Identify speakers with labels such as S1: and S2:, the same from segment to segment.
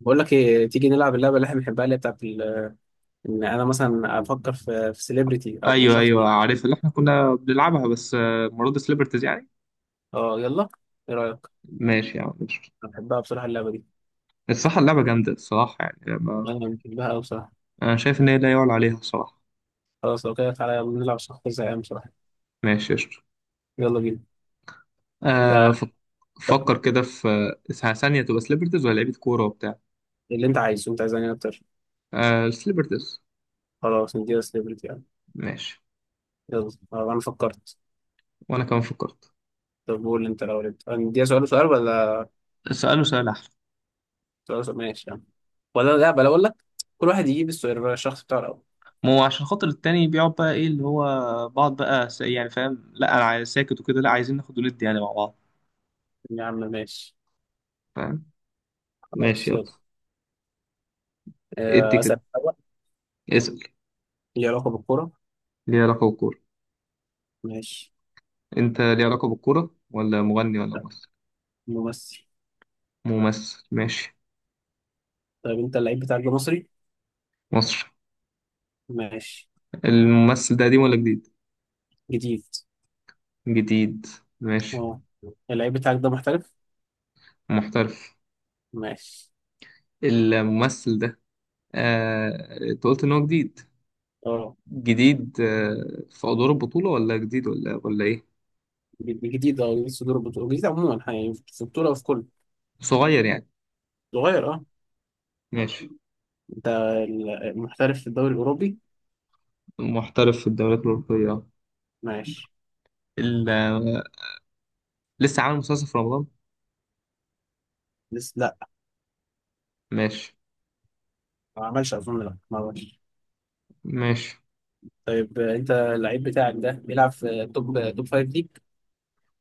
S1: بقول لك ايه تيجي نلعب اللعبه اللي احنا بنحبها اللي هي بتاعت ان انا مثلا افكر في سيلبرتي او
S2: ايوه
S1: شخص.
S2: ايوه عارف اللي احنا كنا بنلعبها بس مرات سليبرتيز يعني.
S1: اه يلا. ايه رايك.
S2: ماشي يا عم ماشي.
S1: انا بحبها بصراحه اللعبه دي.
S2: الصراحه اللعبه جامده الصراحه يعني ما.
S1: انا بحبها قوي بصراحه.
S2: انا شايف ان هي لا يعلى عليها الصراحه.
S1: خلاص لو كده تعالى يلا نلعب شخص زهقان بصراحه.
S2: ماشي يا شطر.
S1: يلا بينا.
S2: آه
S1: تع-
S2: ف- فكر كده في ثانيه تبقى سليبرتيز ولا لعيبه كوره وبتاع.
S1: اللي انت عايزه انت عايز انهي اكتر.
S2: آه سليبرتيز.
S1: خلاص نديها سيلبرتي يعني.
S2: ماشي.
S1: يلا، انا فكرت.
S2: وانا كمان فكرت.
S1: طب قول انت الاول، انت نديها سؤال وسؤال ولا
S2: سأله سؤال احلى.
S1: سؤال وسؤال؟ ماشي يعني. ولا لا، بلا اقول لك كل واحد يجيب السؤال الشخص بتاعه الاول.
S2: ما هو عشان خاطر التاني بيقعد بقى ايه اللي هو بعض بقى يعني فاهم، لا انا عايز ساكت وكده، لا عايزين ناخد وندي يعني مع بعض.
S1: يا عم ماشي.
S2: فاهم. ماشي
S1: خلاص يلا،
S2: يلا. ادي كده.
S1: اسال الاول.
S2: اسأل.
S1: ليه علاقه بالكوره.
S2: ليه علاقة بالكورة.
S1: ماشي.
S2: انت ليه علاقة بالكورة ولا مغني ولا ممثل؟
S1: ممثل.
S2: ممثل ماشي.
S1: طيب انت اللعيب بتاعك ده مصري.
S2: مصر.
S1: ماشي.
S2: الممثل ده قديم ولا جديد؟
S1: جديد
S2: جديد ماشي.
S1: اه. اللعيب بتاعك ده محترف.
S2: محترف.
S1: ماشي.
S2: الممثل ده انت قلت ان هو جديد.
S1: اه
S2: جديد في ادوار البطولة ولا جديد ولا ايه؟
S1: جديد. اه جديد صدور البطولة، جديد عموما يعني في البطولة وفي كله.
S2: صغير يعني.
S1: صغير اه.
S2: ماشي.
S1: انت محترف في الدوري الأوروبي.
S2: محترف في الدوريات الأوروبية.
S1: ماشي.
S2: ال... آه، لسه عامل مسلسل في رمضان؟
S1: لسه لا.
S2: ماشي
S1: ما عملش أظن، لا ما عملش.
S2: ماشي.
S1: طيب، انت اللعيب بتاعك ده بيلعب في توب فايف ليج.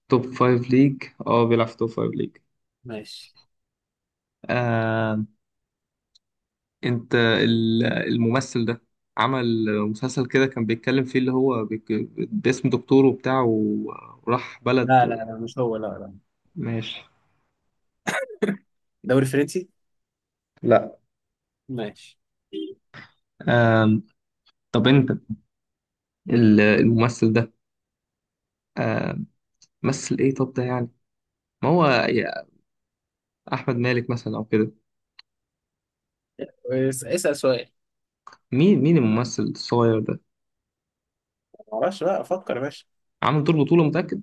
S2: توب فايف ليج اه بيلعب في توب فايف ليج.
S1: ماشي.
S2: انت الممثل ده عمل مسلسل كده كان بيتكلم فيه اللي هو باسم دكتور وبتاع وراح
S1: لا لا
S2: بلد.
S1: لا مش هو، لا لا.
S2: ماشي.
S1: دوري فرنسي.
S2: لا.
S1: ماشي.
S2: آم، طب انت الممثل ده آم، مثل ايه طب ده يعني. ما هو يا احمد مالك مثلا او كده.
S1: اسأل سؤال.
S2: مين الممثل الصغير ده؟
S1: ما اعرفش بقى، افكر يا باشا.
S2: عامل دور بطولة متأكد؟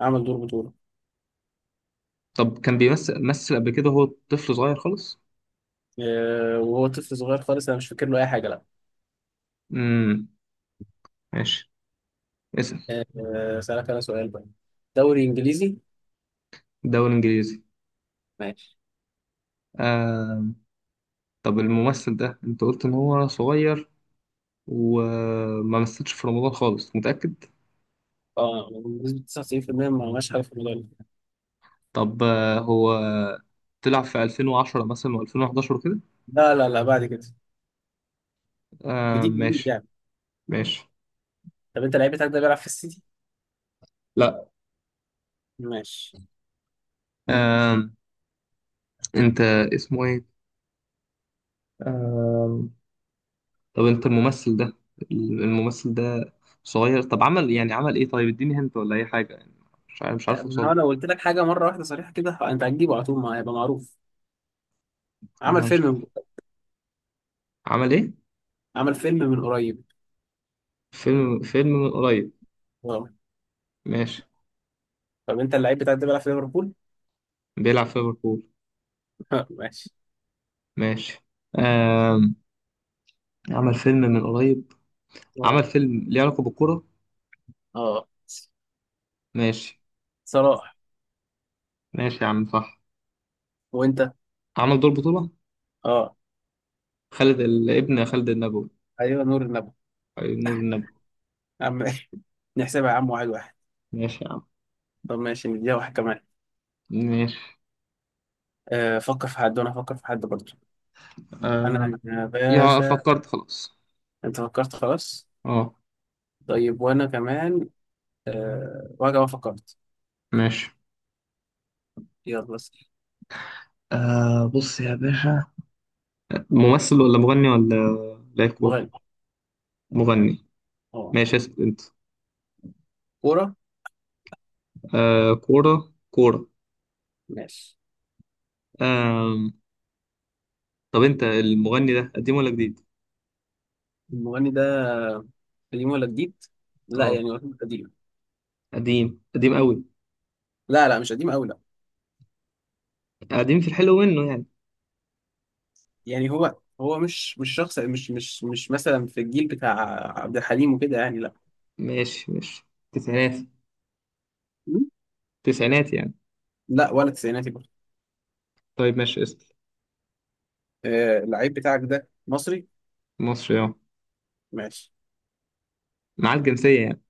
S1: اعمل دور بطولة.
S2: طب كان بيمثل مثل قبل كده هو طفل صغير خالص؟
S1: وهو طفل صغير خالص انا مش فاكر له اي حاجه لا.
S2: امم ماشي. اسأل.
S1: اسالك انا سؤال بقى. دوري انجليزي.
S2: دوري انجليزي.
S1: ماشي.
S2: آم، طب الممثل ده انت قلت ان هو صغير وما مثلش في رمضان خالص متأكد؟
S1: اه، بنسبه 99% ما عملش حاجه في الموضوع ده.
S2: طب هو طلع في 2010 مثلا و2011 كده؟
S1: لا لا لا، بعد كده.
S2: آه
S1: جديد جديد
S2: ماشي.
S1: يعني.
S2: ماشي.
S1: طب انت لعيب بتاعك ده بيلعب في السيتي.
S2: لا.
S1: ماشي.
S2: آه، انت، اسمه ايه؟ آه طب انت الممثل ده. الممثل ده صغير، طب عمل يعني عمل ايه؟ طيب اديني هنت ولا اي حاجة يعني. مش عارف، مش
S1: لا،
S2: عارف
S1: ما
S2: اوصل
S1: هو لو قلت لك حاجه مره واحده صريحه كده انت هتجيبه على طول، ما هيبقى معروف.
S2: له.
S1: عمل
S2: انا مش عارف.
S1: فيلم.
S2: عمل ايه؟
S1: عمل فيلم من قريب.
S2: فيلم، فيلم من قريب.
S1: اه.
S2: ماشي.
S1: طب انت اللعيب بتاعك ده بيلعب في ليفربول.
S2: بيلعب في ليفربول.
S1: ماشي.
S2: ماشي. آه، عمل فيلم من قريب. عمل
S1: اه.
S2: فيلم ليه علاقة بالكورة.
S1: اه،
S2: ماشي.
S1: صلاح.
S2: ماشي يا عم صح.
S1: وانت.
S2: عمل دور بطولة.
S1: اه.
S2: خالد الابن، خالد النبوي.
S1: ايوه، نور النبي.
S2: أي نور النبوي.
S1: عم. نحسبها يا عم، واحد واحد.
S2: ماشي يا عم
S1: طب ماشي، نديها واحد كمان.
S2: ماشي.
S1: فكر في حد وانا افكر في حد برضه.
S2: آه
S1: انا يا
S2: يا
S1: باشا.
S2: فكرت خلاص.
S1: انت فكرت خلاص.
S2: اه.
S1: طيب وانا كمان. وانا كمان فكرت.
S2: ماشي.
S1: يلا بس.
S2: آه بص يا باشا، ممثل ولا مغني ولا لاعب كورة؟
S1: مغني
S2: مغني
S1: اه.
S2: ماشي. اسأل انت.
S1: كورة.
S2: كورة كورة.
S1: ماشي.
S2: آه طب انت المغني ده قديم ولا جديد؟
S1: المغني ده قديم ولا جديد. لا
S2: اه
S1: يعني هو قديم.
S2: قديم. قديم قوي؟
S1: لا لا، مش قديم قوي لا.
S2: قديم في الحلو منه يعني.
S1: يعني هو مش شخص، مش مثلا في الجيل بتاع عبد الحليم وكده يعني لا.
S2: ماشي ماشي. تسعينات؟
S1: م؟
S2: تسعينات يعني.
S1: لا ولا تسعيناتي برضه.
S2: طيب ماشي، اسأل.
S1: اللعيب بتاعك ده مصري.
S2: مصري اه.
S1: ماشي.
S2: معاه الجنسية يعني.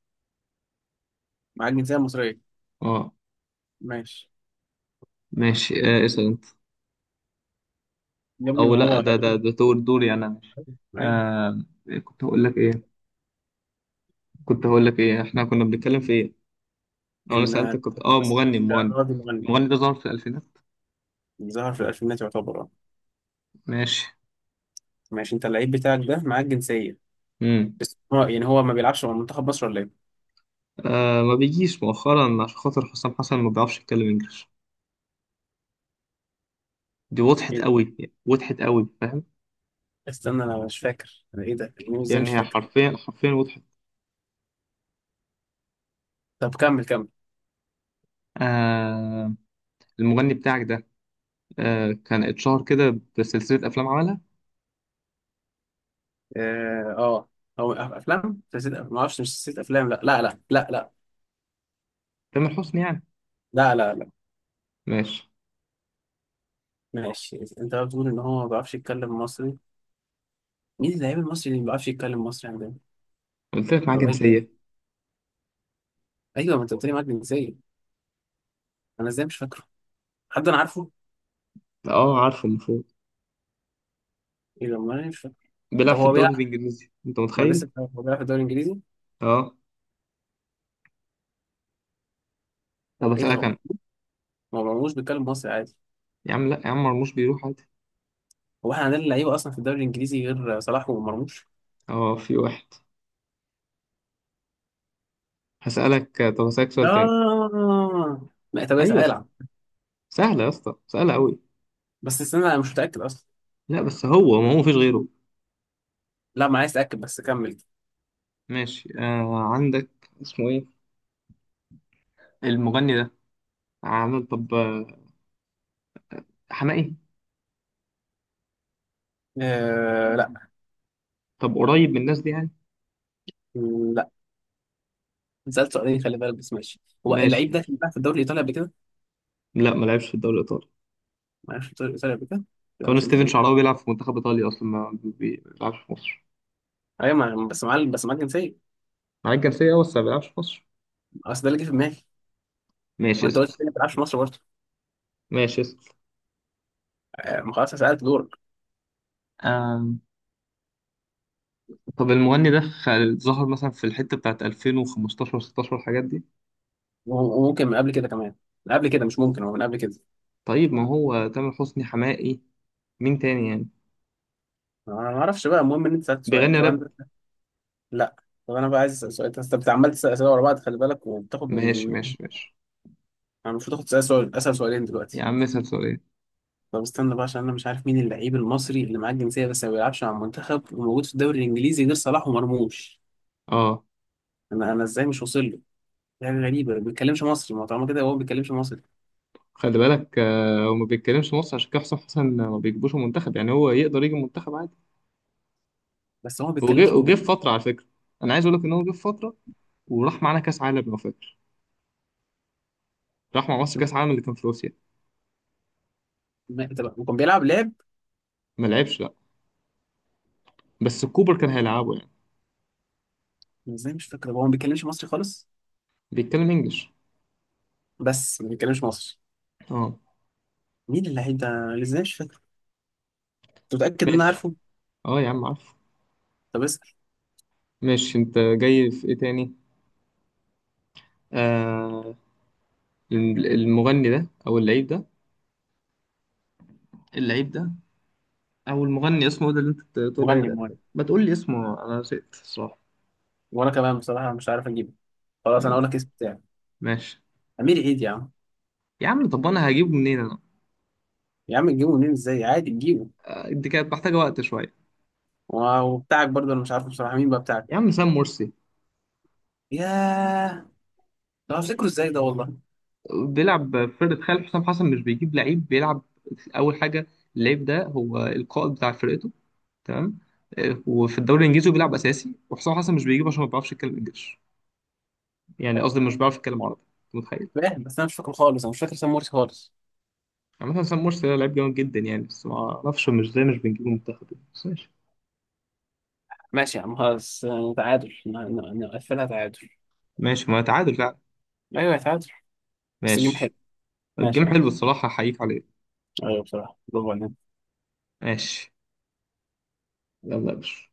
S1: معاك جنسية مصرية.
S2: اه
S1: ماشي.
S2: ماشي. اسأل انت.
S1: يا ابني
S2: او
S1: ما
S2: لا
S1: هو
S2: ده ده
S1: دول.
S2: ده دوري انا. ماشي.
S1: ايوه.
S2: آه كنت هقول لك ايه. كنت هقول لك ايه احنا كنا بنتكلم في ايه؟ أو انا
S1: ان
S2: سألتك، كنت اه
S1: بس
S2: مغني
S1: ده
S2: مغني.
S1: راجل مغني.
S2: المغني ده ظهر في الالفينات.
S1: ظهر في الالفينات يعتبر اه.
S2: ماشي.
S1: ماشي، انت اللعيب بتاعك ده معاك جنسيه،
S2: امم
S1: بس هو يعني هو ما بيلعبش مع منتخب مصر ولا ايه؟
S2: ما بيجيش مؤخرا عشان خاطر حسام حسن ما بيعرفش يتكلم انجلش. دي وضحت
S1: ايه ده؟
S2: قوي. وضحت قوي فاهم.
S1: استنى، انا مش فاكر انا، ايه ده؟ يعني ازاي
S2: يعني
S1: مش
S2: هي
S1: فاكر؟
S2: حرفيا حرفيا وضحت.
S1: طب كمل كمل.
S2: آه المغني بتاعك ده، آه كان اتشهر كده بسلسلة افلام عملها.
S1: اه. هو افلام؟ نسيت ما اعرفش، مش نسيت افلام لا لا لا لا لا.
S2: تامر حسني يعني.
S1: لا لا لا.
S2: ماشي.
S1: ماشي، انت بقى بتقول ان هو ما بيعرفش يتكلم مصري. مين اللعيب المصري اللي ما بيعرفش يتكلم مصري عندنا؟
S2: قلت لك معاه
S1: طب ايه.
S2: جنسية.
S1: ايوه، ما انت قلت لي معاك جنسيه. انا ازاي مش فاكره؟ حد انا عارفه؟
S2: اه عارفه المفروض.
S1: ايه ده؟ ما أنا مش.
S2: بيلعب
S1: ده
S2: في
S1: هو بيلعب.
S2: الدوري الانجليزي، انت
S1: ما أنا
S2: متخيل.
S1: هو بيلعب في الدوري الانجليزي.
S2: اه طب
S1: ايه ده؟
S2: اسالك
S1: هو
S2: انا.
S1: ما مرموش بيتكلم مصري عادي.
S2: يا عم لا يا عم، مرموش بيروح عادي.
S1: هو احنا عندنا لعيبه اصلا في الدوري الانجليزي غير صلاح ومرموش.
S2: اه في واحد. هسالك، طب هسالك سؤال تاني.
S1: اه لا، طب اسال
S2: ايوه.
S1: العب.
S2: سهله يا اسطى سهله قوي.
S1: بس استنى، انا مش متاكد اصلا.
S2: لا بس هو ما هو مفيش غيره.
S1: لا ما عايز اتاكد، بس كمل.
S2: ماشي آه عندك. اسمه ايه المغني ده؟ عامل طب حماقي؟
S1: آه لا.
S2: طب قريب من الناس دي يعني.
S1: لا. سالت سؤالين خلي بالك، بس ماشي. هو
S2: ماشي
S1: اللعيب ده
S2: ماشي.
S1: كان بيلعب في الدوري الايطالي قبل كده.
S2: لا ما لعبش في الدوري الايطالي.
S1: ما عرفش الدوري الايطالي قبل كده. لا
S2: كان
S1: مش
S2: ستيفن
S1: الفلوس.
S2: شعراوي بيلعب في منتخب ايطاليا اصلا ما بي- بيلعبش في مصر.
S1: ايوه، ما بس معاه، بس معاه الجنسيه.
S2: معاه الجنسيه بس ما بيلعبش في مصر.
S1: اصل ده اللي جه في دماغي.
S2: ماشي،
S1: ما انت
S2: اسال.
S1: قلت لي ما بتلعبش في مصر برضه.
S2: ماشي اسال.
S1: آه، ما خلاص سالت دورك.
S2: آم، طب المغني ده ظهر مثلا في الحتة بتاعت 2015-16 الحاجات دي.
S1: وممكن من قبل كده كمان. من قبل كده، مش ممكن هو من قبل كده.
S2: طيب ما هو تامر حسني، حماقي، مين تاني يعني؟
S1: انا ما اعرفش بقى، المهم ان انت سالت سؤال
S2: بيغني
S1: طب
S2: راب.
S1: انا. لا، طب انا بقى عايز اسال سؤال، انت عمال تسال اسئله ورا بعض خلي بالك، وبتاخد من.
S2: ماشي ماشي ماشي.
S1: انا المفروض اخد سؤال سؤال، اسال سؤالين
S2: يا
S1: دلوقتي.
S2: عم اسأل سؤالين.
S1: طب استنى بقى عشان انا مش عارف مين اللعيب المصري اللي معاه الجنسيه بس ما بيلعبش مع المنتخب وموجود في الدوري الانجليزي غير صلاح ومرموش.
S2: اه
S1: انا ازاي مش واصل له. حاجه غريبه ما بيتكلمش مصري، ما هو طالما كده هو ما بيتكلمش مصري.
S2: خلي بالك. هو ما بيتكلمش مصر عشان كده حسام حسن ما بيجيبوش المنتخب، يعني هو يقدر يجي المنتخب عادي.
S1: بس هو ما
S2: وجه،
S1: بيتكلمش
S2: وجه في فترة على فكرة. انا عايز اقول لك ان هو جه في فترة وراح معانا كاس عالم لو فاكر. راح مع مصر كاس عالم اللي كان في روسيا.
S1: طب وكان بيلعب لعب.
S2: ما لعبش لا، بس كوبر كان هيلعبه يعني.
S1: أنا ازاي مش فاكر؟ هو ما بيتكلمش مصري خالص.
S2: بيتكلم انجلش.
S1: بس ما بيتكلمش مصري.
S2: اه.
S1: مين اللعيب ده؟ أنا ازاي مش فاكر؟ انت متاكد ان انا
S2: ماشي.
S1: عارفه؟
S2: اه يا عم عارف.
S1: طب اسال.
S2: مش انت جاي في ايه تاني؟ آه المغني ده او اللعيب ده. اللعيب ده، او المغني اسمه ده اللي انت بتقول عليه
S1: مغني
S2: ده.
S1: مغني
S2: ما تقول لي اسمه، انا نسيت الصراحه.
S1: وانا كمان بصراحه مش عارف اجيبه. خلاص انا
S2: م-
S1: اقول لك اسم بتاعي.
S2: ماشي
S1: امير عيد يا عم.
S2: يا عم. طب انا هجيبه منين انا؟
S1: يا عم تجيبه منين؟ ازاي؟ عادي تجيبه.
S2: دي كانت محتاجه وقت شويه.
S1: وبتاعك برضه انا مش عارف بصراحه، مين بقى بتاعك.
S2: يا عم سام مرسي.
S1: ياه. ده هفتكره ازاي ده والله.
S2: بيلعب في فرقه خالد. حسام حسن مش بيجيب لعيب بيلعب. اول حاجه، اللعيب ده هو القائد بتاع فرقته. تمام. وفي الدوري الانجليزي بيلعب اساسي، وحسام حسن مش بيجيبه عشان ما بيعرفش يتكلم انجلش. يعني قصدي مش بيعرف يتكلم عربي. متخيل.
S1: فاهم، بس انا مش فاكره خالص، انا مش فاكر سمورتي خالص.
S2: عامة حسام مرسي ده لعيب جامد جدا يعني، بس ما اعرفش مش ازاي مش بنجيبه منتخب يعني، بس ماشي.
S1: ماشي يا عم خلاص، تعادل نقفلها تعادل.
S2: ماشي ما تعادل فعلا.
S1: ايوه تعادل. بس الجيم حلو.
S2: ماشي.
S1: ماشي
S2: الجيم
S1: يا عم.
S2: حلو الصراحة، أحييك عليه.
S1: ايوه بصراحه، برافو عليك.
S2: ماشي. يلا يا باشا.